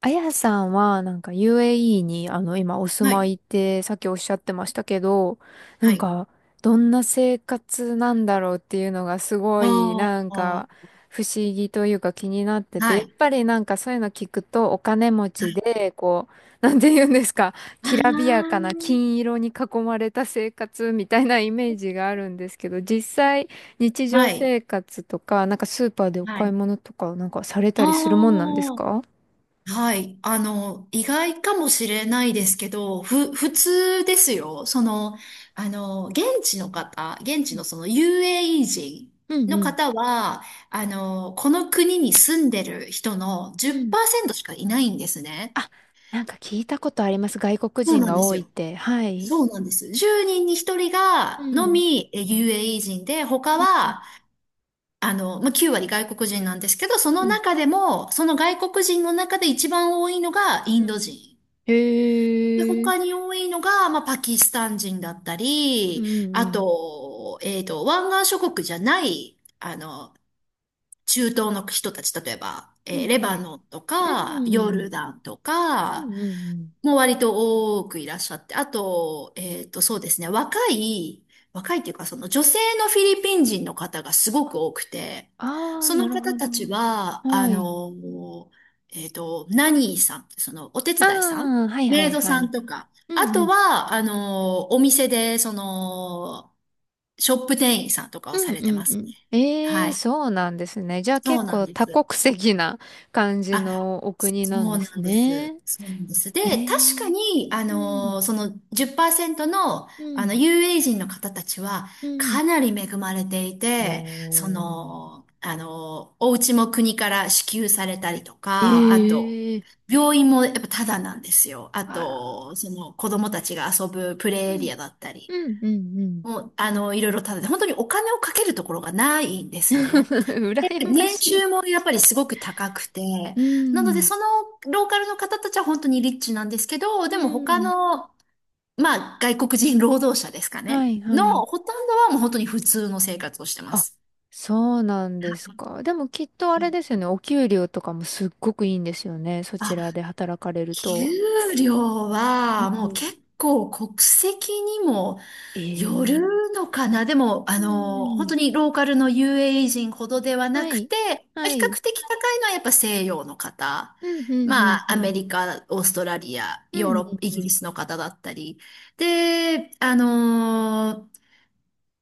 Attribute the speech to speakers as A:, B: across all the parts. A: あやさんは、なんか UAE に、今お住
B: は
A: ま
B: い。
A: いって、さっきおっしゃってましたけど、な
B: は
A: ん
B: い。
A: か、どんな生活なんだろうっていうのがすごい、
B: あ
A: なん
B: あ
A: か、不思議というか気になってて、
B: は
A: やっ
B: い。
A: ぱりなんかそういうの聞くと、お金持
B: は
A: ち
B: い。
A: で、こう、なんて言うんですか、きらびや
B: あ
A: かな金色に囲まれた生活みたいなイメージがあるんですけど、実際、日
B: あ、
A: 常
B: はい。
A: 生活とか、なんかスーパーでお
B: は
A: 買い
B: い。
A: 物とか、なんかされ
B: あ
A: たりするもんなんです
B: あ、
A: か？
B: はい。意外かもしれないですけど、普通ですよ。現地の方、現地のその UAE 人
A: うん
B: の
A: うん。
B: 方は、この国に住んでる人の
A: うん。
B: 10%しかいないんですね。
A: あ、なんか聞いたことあります。外国
B: そう
A: 人
B: なん
A: が
B: で
A: 多
B: す
A: いっ
B: よ。
A: て。はい。
B: そうなんです。10人に1人
A: う
B: がの
A: ん。
B: みえ UAE 人で、他
A: うん。
B: は、9割外国人なんですけど、その
A: うん。
B: 中でも、その外国人の中で一番多いのがイ
A: う
B: ンド
A: ん。
B: 人。で、
A: へえ。
B: 他に多いのが、まあ、パキスタン人だった
A: うん。
B: り、
A: う
B: あ
A: ん。
B: と、湾岸諸国じゃない、中東の人たち、例えば、
A: うん。
B: レバノンと
A: う
B: か、ヨ
A: ん。うん
B: ルダンと
A: う
B: か、
A: んうん。
B: もう割と多くいらっしゃって、あと、そうですね、若いというか、その女性のフィリピン人の方がすごく多くて、
A: ああ、
B: その
A: なる
B: 方
A: ほど。
B: たちは、
A: はい。
B: ナニーさん、そのお手
A: あ
B: 伝いさん、
A: あ、はいは
B: メイ
A: い
B: ド
A: は
B: さん
A: い。
B: とか、
A: う
B: あ
A: んう
B: と
A: ん。
B: は、お店で、ショップ店員さんとかを
A: う
B: さ
A: ん
B: れ
A: う
B: て
A: ん
B: ま
A: う
B: すね。
A: ん。え
B: は
A: え、
B: い。
A: そうなんですね。じゃあ
B: そう
A: 結
B: なん
A: 構
B: で
A: 多
B: す。
A: 国籍な感じ
B: あ、
A: のお
B: そ
A: 国なん
B: う
A: です
B: なんです。
A: ね。
B: そうなんです。で、
A: へ
B: 確か
A: え。
B: に、
A: うん。
B: その10%の、
A: うん。
B: 有名人の方たちは、
A: うん。
B: かなり恵まれてい
A: お
B: て、そ
A: ー。
B: の、お家も国から支給されたりと
A: え
B: か、あと、
A: え。
B: 病院もやっぱタダなんですよ。あ
A: あ
B: と、その、子供たちが遊ぶプ
A: ー、
B: レイエ
A: うん、
B: リアだったり、
A: うん、うん、うん。
B: もう、いろいろタダで、本当にお金をかけるところがないんで すね。
A: 羨ま
B: 年
A: しい。
B: 収もやっぱりすごく高くて、
A: う
B: なので
A: ん、
B: そのローカルの方たちは本当にリッチなんですけど、
A: う
B: でも他
A: ん。
B: の、まあ外国人労働者ですか
A: は
B: ね、
A: い、は
B: の
A: い。
B: ほとんどはもう本当に普通の生活をしてま
A: あ、
B: す。
A: そうなんですか。でもきっとあれですよね。お給料とかもすっごくいいんですよね。そち
B: あ、
A: らで働かれる
B: 給
A: と。
B: 料
A: う
B: はもう
A: ん。
B: 結構国籍にも寄
A: ええ。
B: るのかなでも、
A: う
B: 本当
A: ん。
B: にローカルの UAE 人ほどではな
A: は
B: く
A: い。
B: て、まあ
A: は
B: 比
A: い。
B: 較的高いのはやっぱ西洋の方。
A: うん、うん、うん、
B: まあ、
A: う
B: アメ
A: ん。
B: リカ、オーストラリア、
A: う
B: ヨー
A: ん、
B: ロッ
A: う
B: パ、イ
A: ん、う
B: ギリ
A: ん。
B: スの方だったり。で、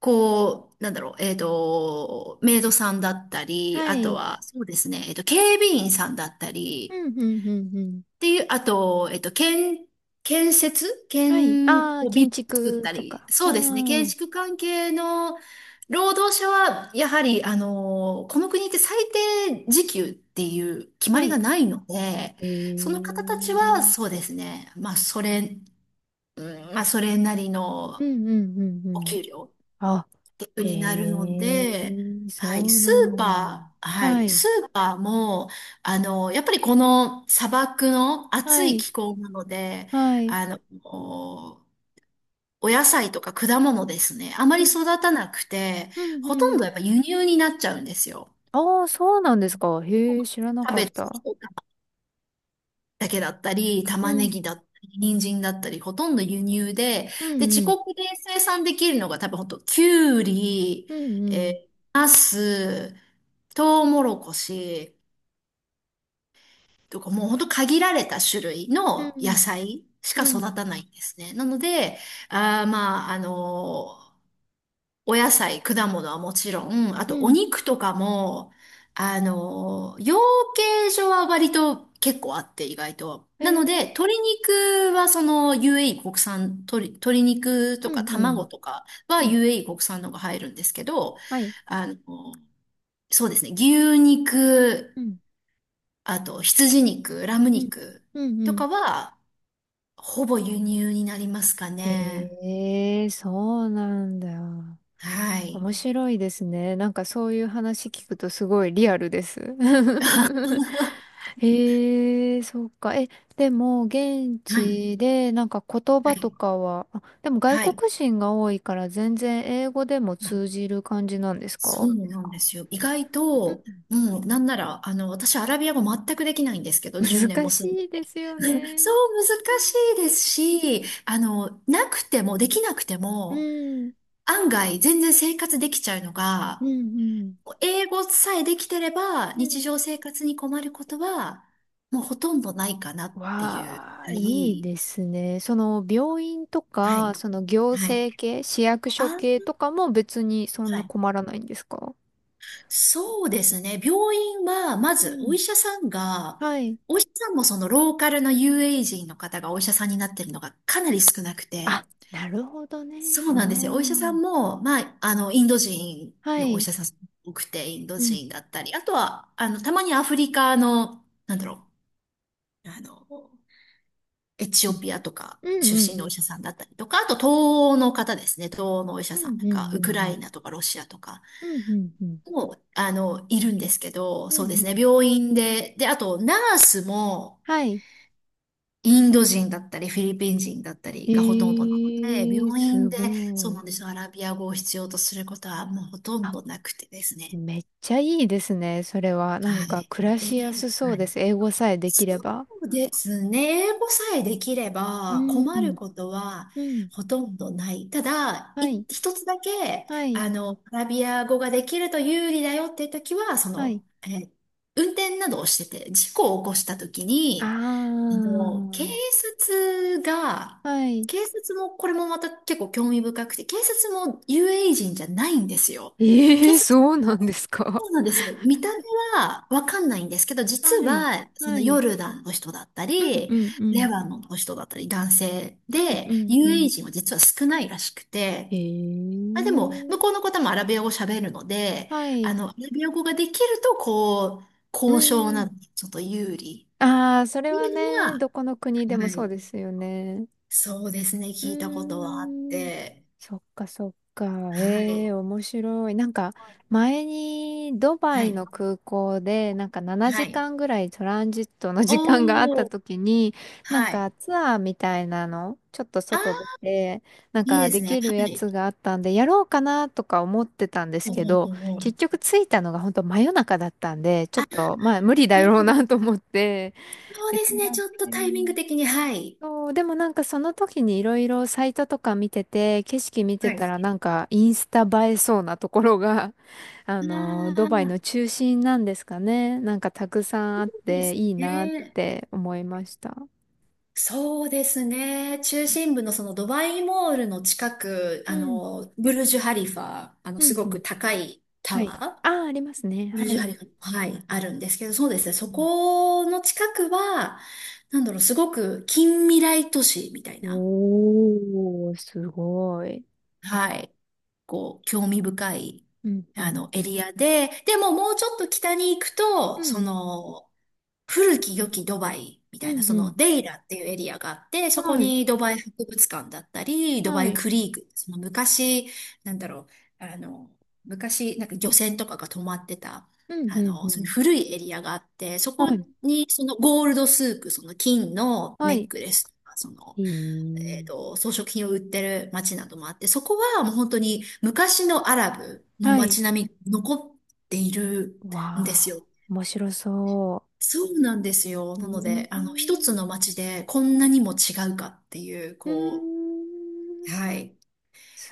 B: こう、なんだろう、メイドさんだったり、
A: は
B: あと
A: い。
B: は、そうですね、警備員さんだった
A: う
B: り、
A: ん、うん、うん、うん。
B: っていう、あと、建設
A: はい。
B: 建
A: ああ、
B: をビ
A: 建
B: ル作っ
A: 築
B: た
A: と
B: り、
A: か。う
B: そうですね、建
A: ん。
B: 築関係の労働者は、やはり、この国って最低時給っていう決ま
A: は
B: り
A: い。
B: がないので、
A: え
B: その方たちは、
A: ー、
B: そうですね、まあ、それ、うんまあ、それなり
A: う
B: の
A: んうんうんう
B: お
A: ん。
B: 給料
A: あ、
B: プ
A: へ
B: になるの
A: え、
B: で、はい、
A: そう
B: ス
A: な
B: ー
A: んだ。
B: パー、は
A: は
B: い、
A: い、
B: スーパーも、やっぱりこの砂漠の
A: は
B: 暑い
A: い、
B: 気候なので、
A: はい。
B: あの、お野菜とか果物ですね、あ
A: う
B: まり
A: ん、
B: 育たなくて、
A: うん、
B: ほ
A: う
B: とん
A: ん。
B: どやっぱ輸入になっちゃうんですよ。
A: ああ、そうなんですか。へえ、知らな
B: キャ
A: かっ
B: ベツ
A: た。
B: とかだけだったり、
A: う
B: 玉ね
A: ん、
B: ぎだったり、人参だったり、ほとんど輸入で、
A: う
B: で、
A: ん、う
B: 自
A: ん、
B: 国で生産できるのが多分ほんと、きゅうり、
A: うん、
B: ナス、トウモロコシとかもうほんと限られた種類
A: う
B: の野
A: ん、
B: 菜し
A: う
B: か
A: ん、う
B: 育
A: ん、
B: たないんですね。なので、あーまあ、あのーお野菜、果物はもちろん、あ
A: う
B: とお
A: ん。
B: 肉とかも、養鶏場は割と結構あって意外と。
A: へ
B: なの
A: え、
B: で、鶏肉はその UAE 国産、鶏肉と
A: う
B: か
A: ん、う
B: 卵
A: ん、
B: とかは
A: うん。
B: UAE 国産のが入るんですけど、
A: はい、
B: あの、そうですね、牛肉、
A: うん、
B: あと、羊肉、ラム
A: うん、
B: 肉
A: うん、う
B: と
A: ん。
B: かは、ほぼ輸入になりますかね。
A: へえ、そうなんだ。
B: はい。
A: 面白いですね。なんかそういう話聞くとすごいリアルです。へえ、そうか。え、でも現
B: はい。
A: 地でなんか言
B: は
A: 葉と
B: い。
A: かは、あ、でも外
B: はい。
A: 国人が多いから全然英語でも通
B: あ
A: じる感じなんです
B: そ
A: か？
B: うなんですよ。意外
A: う
B: と、
A: ん。
B: もう、なんなら、私、アラビア語全くできないんですけ ど、10年
A: 難
B: も住んで
A: しい
B: て。
A: ですよ ね。
B: そう、難しいですし、なくても、できなくて
A: う
B: も、
A: ん、
B: 案外、全然生活できちゃうの
A: うん、
B: が、
A: うん。
B: 英語さえできてれば、
A: うんう
B: 日常
A: ん。
B: 生活に困ることは、もうほとんどないかなっていう。
A: わあ、
B: は
A: いい
B: い。
A: ですね。その病院と
B: は
A: か、
B: い。
A: その行
B: はい。
A: 政系、市役所
B: あ、
A: 系とかも別にそん
B: は
A: な
B: い。
A: 困らないんですか？
B: そうですね。病院は、ま
A: う
B: ず、
A: ん。はい。
B: お医者さんもそのローカルの UA 人の方がお医者さんになってるのがかなり少なく
A: あ、
B: て、
A: なるほどね。
B: そ
A: あ
B: うなんですよ。お医者さん
A: あ。
B: も、インド人
A: は
B: のお医
A: い。
B: 者さん多くて、インド
A: うん。
B: 人だったり、あとは、たまにアフリカの、う、あの、エチ
A: う
B: オ
A: ん。
B: ピアとか
A: うんう
B: 出身
A: ん
B: のお
A: え。
B: 医者さんだったりとか、あと東欧の方ですね。東欧のお医者
A: う
B: さ
A: ん。う
B: んな
A: んう
B: んか、ウクライ
A: ん
B: ナとかロシアとか
A: うんうんうんうんうん。
B: も、いるんですけど、
A: うん
B: そうです
A: う
B: ね。
A: ん。
B: 病院で、で、あとナースも、
A: はい。
B: インド人だったり、フィリピン人だったり
A: え
B: がほとんどなので、
A: ー、
B: 病
A: す
B: 院で、
A: ご
B: そうな
A: い。
B: んですよ。アラビア語を必要とすることはもうほとん
A: あ、
B: どなくてですね。
A: めっちゃいいですね。それは。なん
B: は
A: か
B: い。
A: 暮らしやすそ
B: は
A: う
B: い
A: です。英語さえできれ
B: そ
A: ば。
B: うですね。英語さえできれ
A: う
B: ば困る
A: ん。
B: ことは
A: うん。
B: ほとんどない。ただ、
A: はい。
B: 一つだけ、
A: はい。
B: アラビア語ができると有利だよっていう時は、そ
A: はい。
B: の、運転などをしてて、事故を起こした時に、
A: あ
B: あの、警察が、
A: あ。はい。
B: 警察も、これもまた結構興味深くて、警察もユー a e 人じゃないんですよ。警
A: ええ、
B: 察、
A: そうなんですか。
B: そうなんですよ。見た目はわかんないんですけど、実
A: はい。
B: は、そ
A: は
B: のヨ
A: い。
B: ルダンの人だった
A: うん
B: り、
A: うんう
B: レ
A: ん。
B: バノンの人だったり、男性
A: うん
B: で、
A: うん
B: ユ
A: う
B: ー a e
A: ん。
B: 人は実は少ないらしくて、あ、でも、
A: え
B: 向
A: え。
B: こうの方もアラビア語喋るので、
A: はい。
B: アラビア語ができると、こう、
A: う
B: 交渉
A: ー
B: な
A: ん。
B: どにちょっと有利。
A: ああ、そ
B: っ
A: れ
B: てい
A: は
B: うの
A: ね、
B: は、
A: どこの国でも
B: は
A: そう
B: い。
A: ですよね。
B: そうですね、
A: う
B: 聞いたことはあっ
A: ーん、
B: て、
A: そっかそっか。
B: は
A: ええ、
B: い、
A: 面白い。なんか、前にドバ
B: は
A: イ
B: い、
A: の空港で、なんか7
B: はい。
A: 時間ぐらいトランジットの時間があった
B: おー、
A: 時に、なん
B: は
A: か
B: い。
A: ツアーみたいなの、ちょっと
B: あ
A: 外
B: ー、
A: 出て、なん
B: いい
A: か
B: で
A: で
B: すね、は
A: きるや
B: い。
A: つがあったんで、やろうかなとか思ってたんです
B: おー
A: け
B: お
A: ど、
B: ーおー
A: 結局着いたのが本当真夜中だったんで、ちょっと、まあ無理だ
B: なる
A: ろう
B: ほど。
A: なと思って、
B: そう
A: で
B: で
A: き
B: すね、
A: な
B: ち
A: く
B: ょっと
A: て。
B: タイミング的に、はい。
A: そう、でもなんかその時にいろいろサイトとか見てて、景色見て
B: はい。
A: たらなんかインスタ映えそうなところが、ド
B: あ
A: バイ
B: あ、
A: の中心なんですかね。なんかたくさん
B: そ
A: あっ
B: うで
A: て
B: す
A: いいなっ
B: ね。
A: て思いました。
B: そうですね。中心部のそのドバイモールの近く、
A: うん、
B: ブルジュ・ハリファ、
A: う
B: す
A: ん、
B: ご
A: う
B: く
A: ん。
B: 高いタ
A: はい。
B: ワ
A: ああ、ありますね。
B: ー
A: は
B: 20
A: い。
B: 針が、はい、あるんですけど、そうですね。
A: う
B: そ
A: ん。
B: この近くは、なんだろう、すごく近未来都市みたいな。
A: おー、すごい。
B: はい。こう、興味深い、
A: うん、うん。
B: エリアで、でももうちょっと北に行く
A: う
B: と、そ
A: ん、
B: の、古き良きドバイみ
A: う
B: たいな、
A: ん、
B: そ
A: う
B: の
A: ん。
B: デイラっていうエリアがあって、そこ
A: はい、
B: にドバイ博物館だったり、ドバ
A: は
B: イ
A: い。
B: クリーク、その昔、なんだろう、あの、昔、なんか漁船とかが止まってた、
A: うん、うん、う
B: その
A: ん。
B: 古いエリアがあって、そこ
A: はい、
B: にそのゴールドスーク、その金の
A: は
B: ネッ
A: い。
B: クレスとか、その
A: いい。
B: 装飾品を売ってる街などもあって、そこはもう本当に昔のアラブの
A: はい。
B: 街並みが残っているんです
A: わあ、
B: よ。
A: 面白そ
B: そうなんですよ。
A: う。う
B: なので、
A: ー
B: 一つ
A: ん。
B: の街でこんなにも違うかっていう、
A: う
B: こ
A: ー
B: う、
A: ん。
B: はい。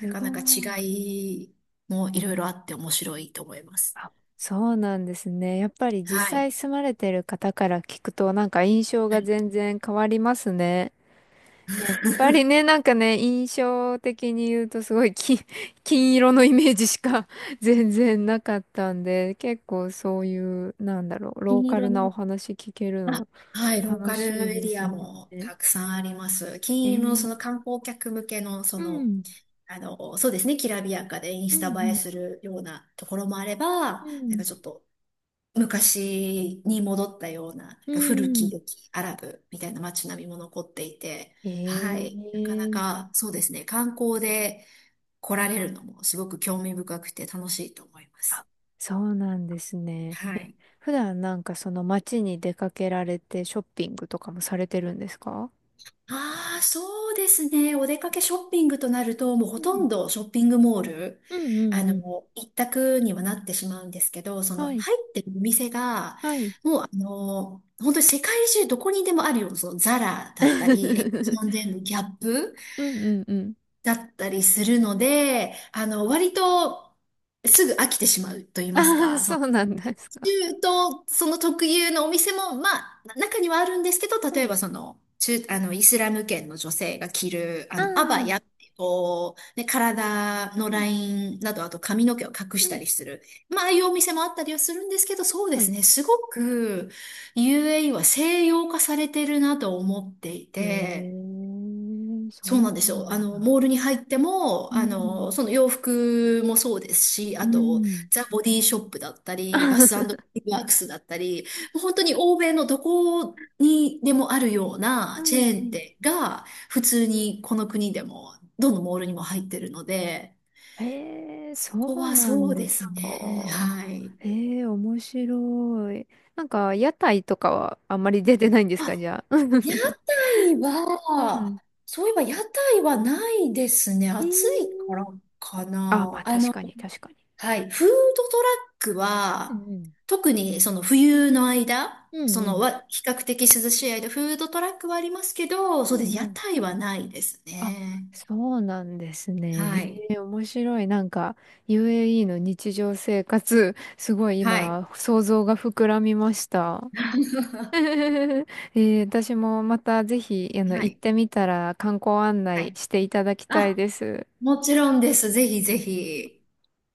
B: なか
A: ご
B: なか
A: い。
B: 違いもいろいろあって面白いと思います。
A: あ、そうなんですね。やっぱり実
B: はい。
A: 際住まれてる方から聞くと、なんか印象
B: は
A: が
B: い
A: 全然変わりますね。やっぱり ね、なんかね、印象的に言うとすごい金、金色のイメージしか 全然なかったんで、結構そういう、なんだろう、ロー
B: 金
A: カ
B: 色
A: ルなお
B: の
A: 話聞ける
B: あ
A: の
B: はい、ロー
A: 楽
B: カル
A: しい
B: エ
A: で
B: リ
A: す
B: アも
A: ね。
B: たくさんあります。
A: え
B: 金融の
A: ー、
B: その観光客向けの、
A: うん。
B: そうですね、きらびやかでイン
A: う
B: スタ映え
A: ん
B: するようなところもあれ
A: う
B: ば、なん
A: ん。
B: かちょっと昔に戻ったような、なん
A: う
B: か古
A: ん。う
B: き良
A: ん。
B: きアラブみたいな街並みも残っていて、は
A: え
B: い、なかな
A: え。
B: かそうですね、観光で来られるのもすごく興味深くて楽しいと思います。
A: あ、そうなんですね。
B: は
A: え、
B: い。
A: 普段なんかその街に出かけられてショッピングとかもされてるんですか？
B: ああ、そうですね。お出かけショッピングとなると、もう
A: う
B: ほと
A: ん。
B: んどショッピングモール、
A: うんう
B: あ
A: んうん。
B: の、一択にはなってしまうんですけど、その
A: は
B: 入
A: い。
B: ってるお店が、
A: はい。
B: もう本当に世界中どこにでもあるような、そのザラだったり、エッチ ンデンギャップ
A: うんうんうん。
B: だったりするので、割とすぐ飽きてしまうと言います
A: ああ、
B: か、
A: そうなんですか。
B: 中東、その特有のお店も、まあ、中にはあるんですけど、
A: は
B: 例え
A: い。
B: ばその、中、あの、イスラム圏の女性が着る、
A: あ
B: アバ
A: あ。う
B: ヤっていう、こう、ね、体の
A: ん
B: ラインなど、あと髪の毛を隠
A: う
B: した
A: ん。
B: りする。まあ、ああいうお店もあったりはするんですけど、そうで
A: は
B: す
A: い。
B: ね、すごく UAE は西洋化されてるなと思ってい
A: え
B: て、
A: え、そ
B: そうなんで
A: う
B: す
A: な
B: よ。
A: ん
B: モー
A: だ。
B: ルに入って
A: う
B: も、
A: ん。
B: その洋服もそうですし、
A: う
B: あと、
A: ん。
B: ザ・ボディショップだったり、バスワ ークスだったり、もう本当に欧米のどこにでもあるよう
A: う
B: な
A: ん
B: チェ
A: う
B: ーン
A: ん。
B: 店が、普通にこの国でも、どのモールにも入ってるので、
A: えー、
B: そ
A: そ
B: こ
A: う
B: は
A: な
B: そ
A: ん
B: う
A: で
B: です
A: す
B: ね。
A: か。
B: はい。
A: えー、面白い。なんか、屋台とかはあんまり出てないんですか、
B: あ、
A: じゃあ？
B: 屋 台
A: う
B: は、
A: ん。
B: そういえば屋台はないですね。
A: えー、
B: 暑いからか
A: あ、ま
B: な。
A: あ
B: あ
A: 確かに確かに。
B: はい。フードトラック
A: う
B: は、
A: ん
B: 特にその冬の間、
A: うん。うん
B: そ
A: う
B: の
A: ん。
B: わ、比較的涼しい間、フードトラックはありますけど、
A: う
B: そうで
A: ん
B: す。
A: う
B: 屋
A: ん。
B: 台はないです
A: あ、
B: ね。
A: そうなんですね。
B: はい。
A: へえ、面白い。なんか、UAE の日常生活、すごい
B: はい。
A: 今、想像が膨らみました。え 私もまたぜひ、
B: は
A: 行っ
B: い。
A: てみたら観光案
B: は
A: 内
B: い。
A: していただきたい
B: あ、
A: です。
B: もちろんです。ぜひぜひ。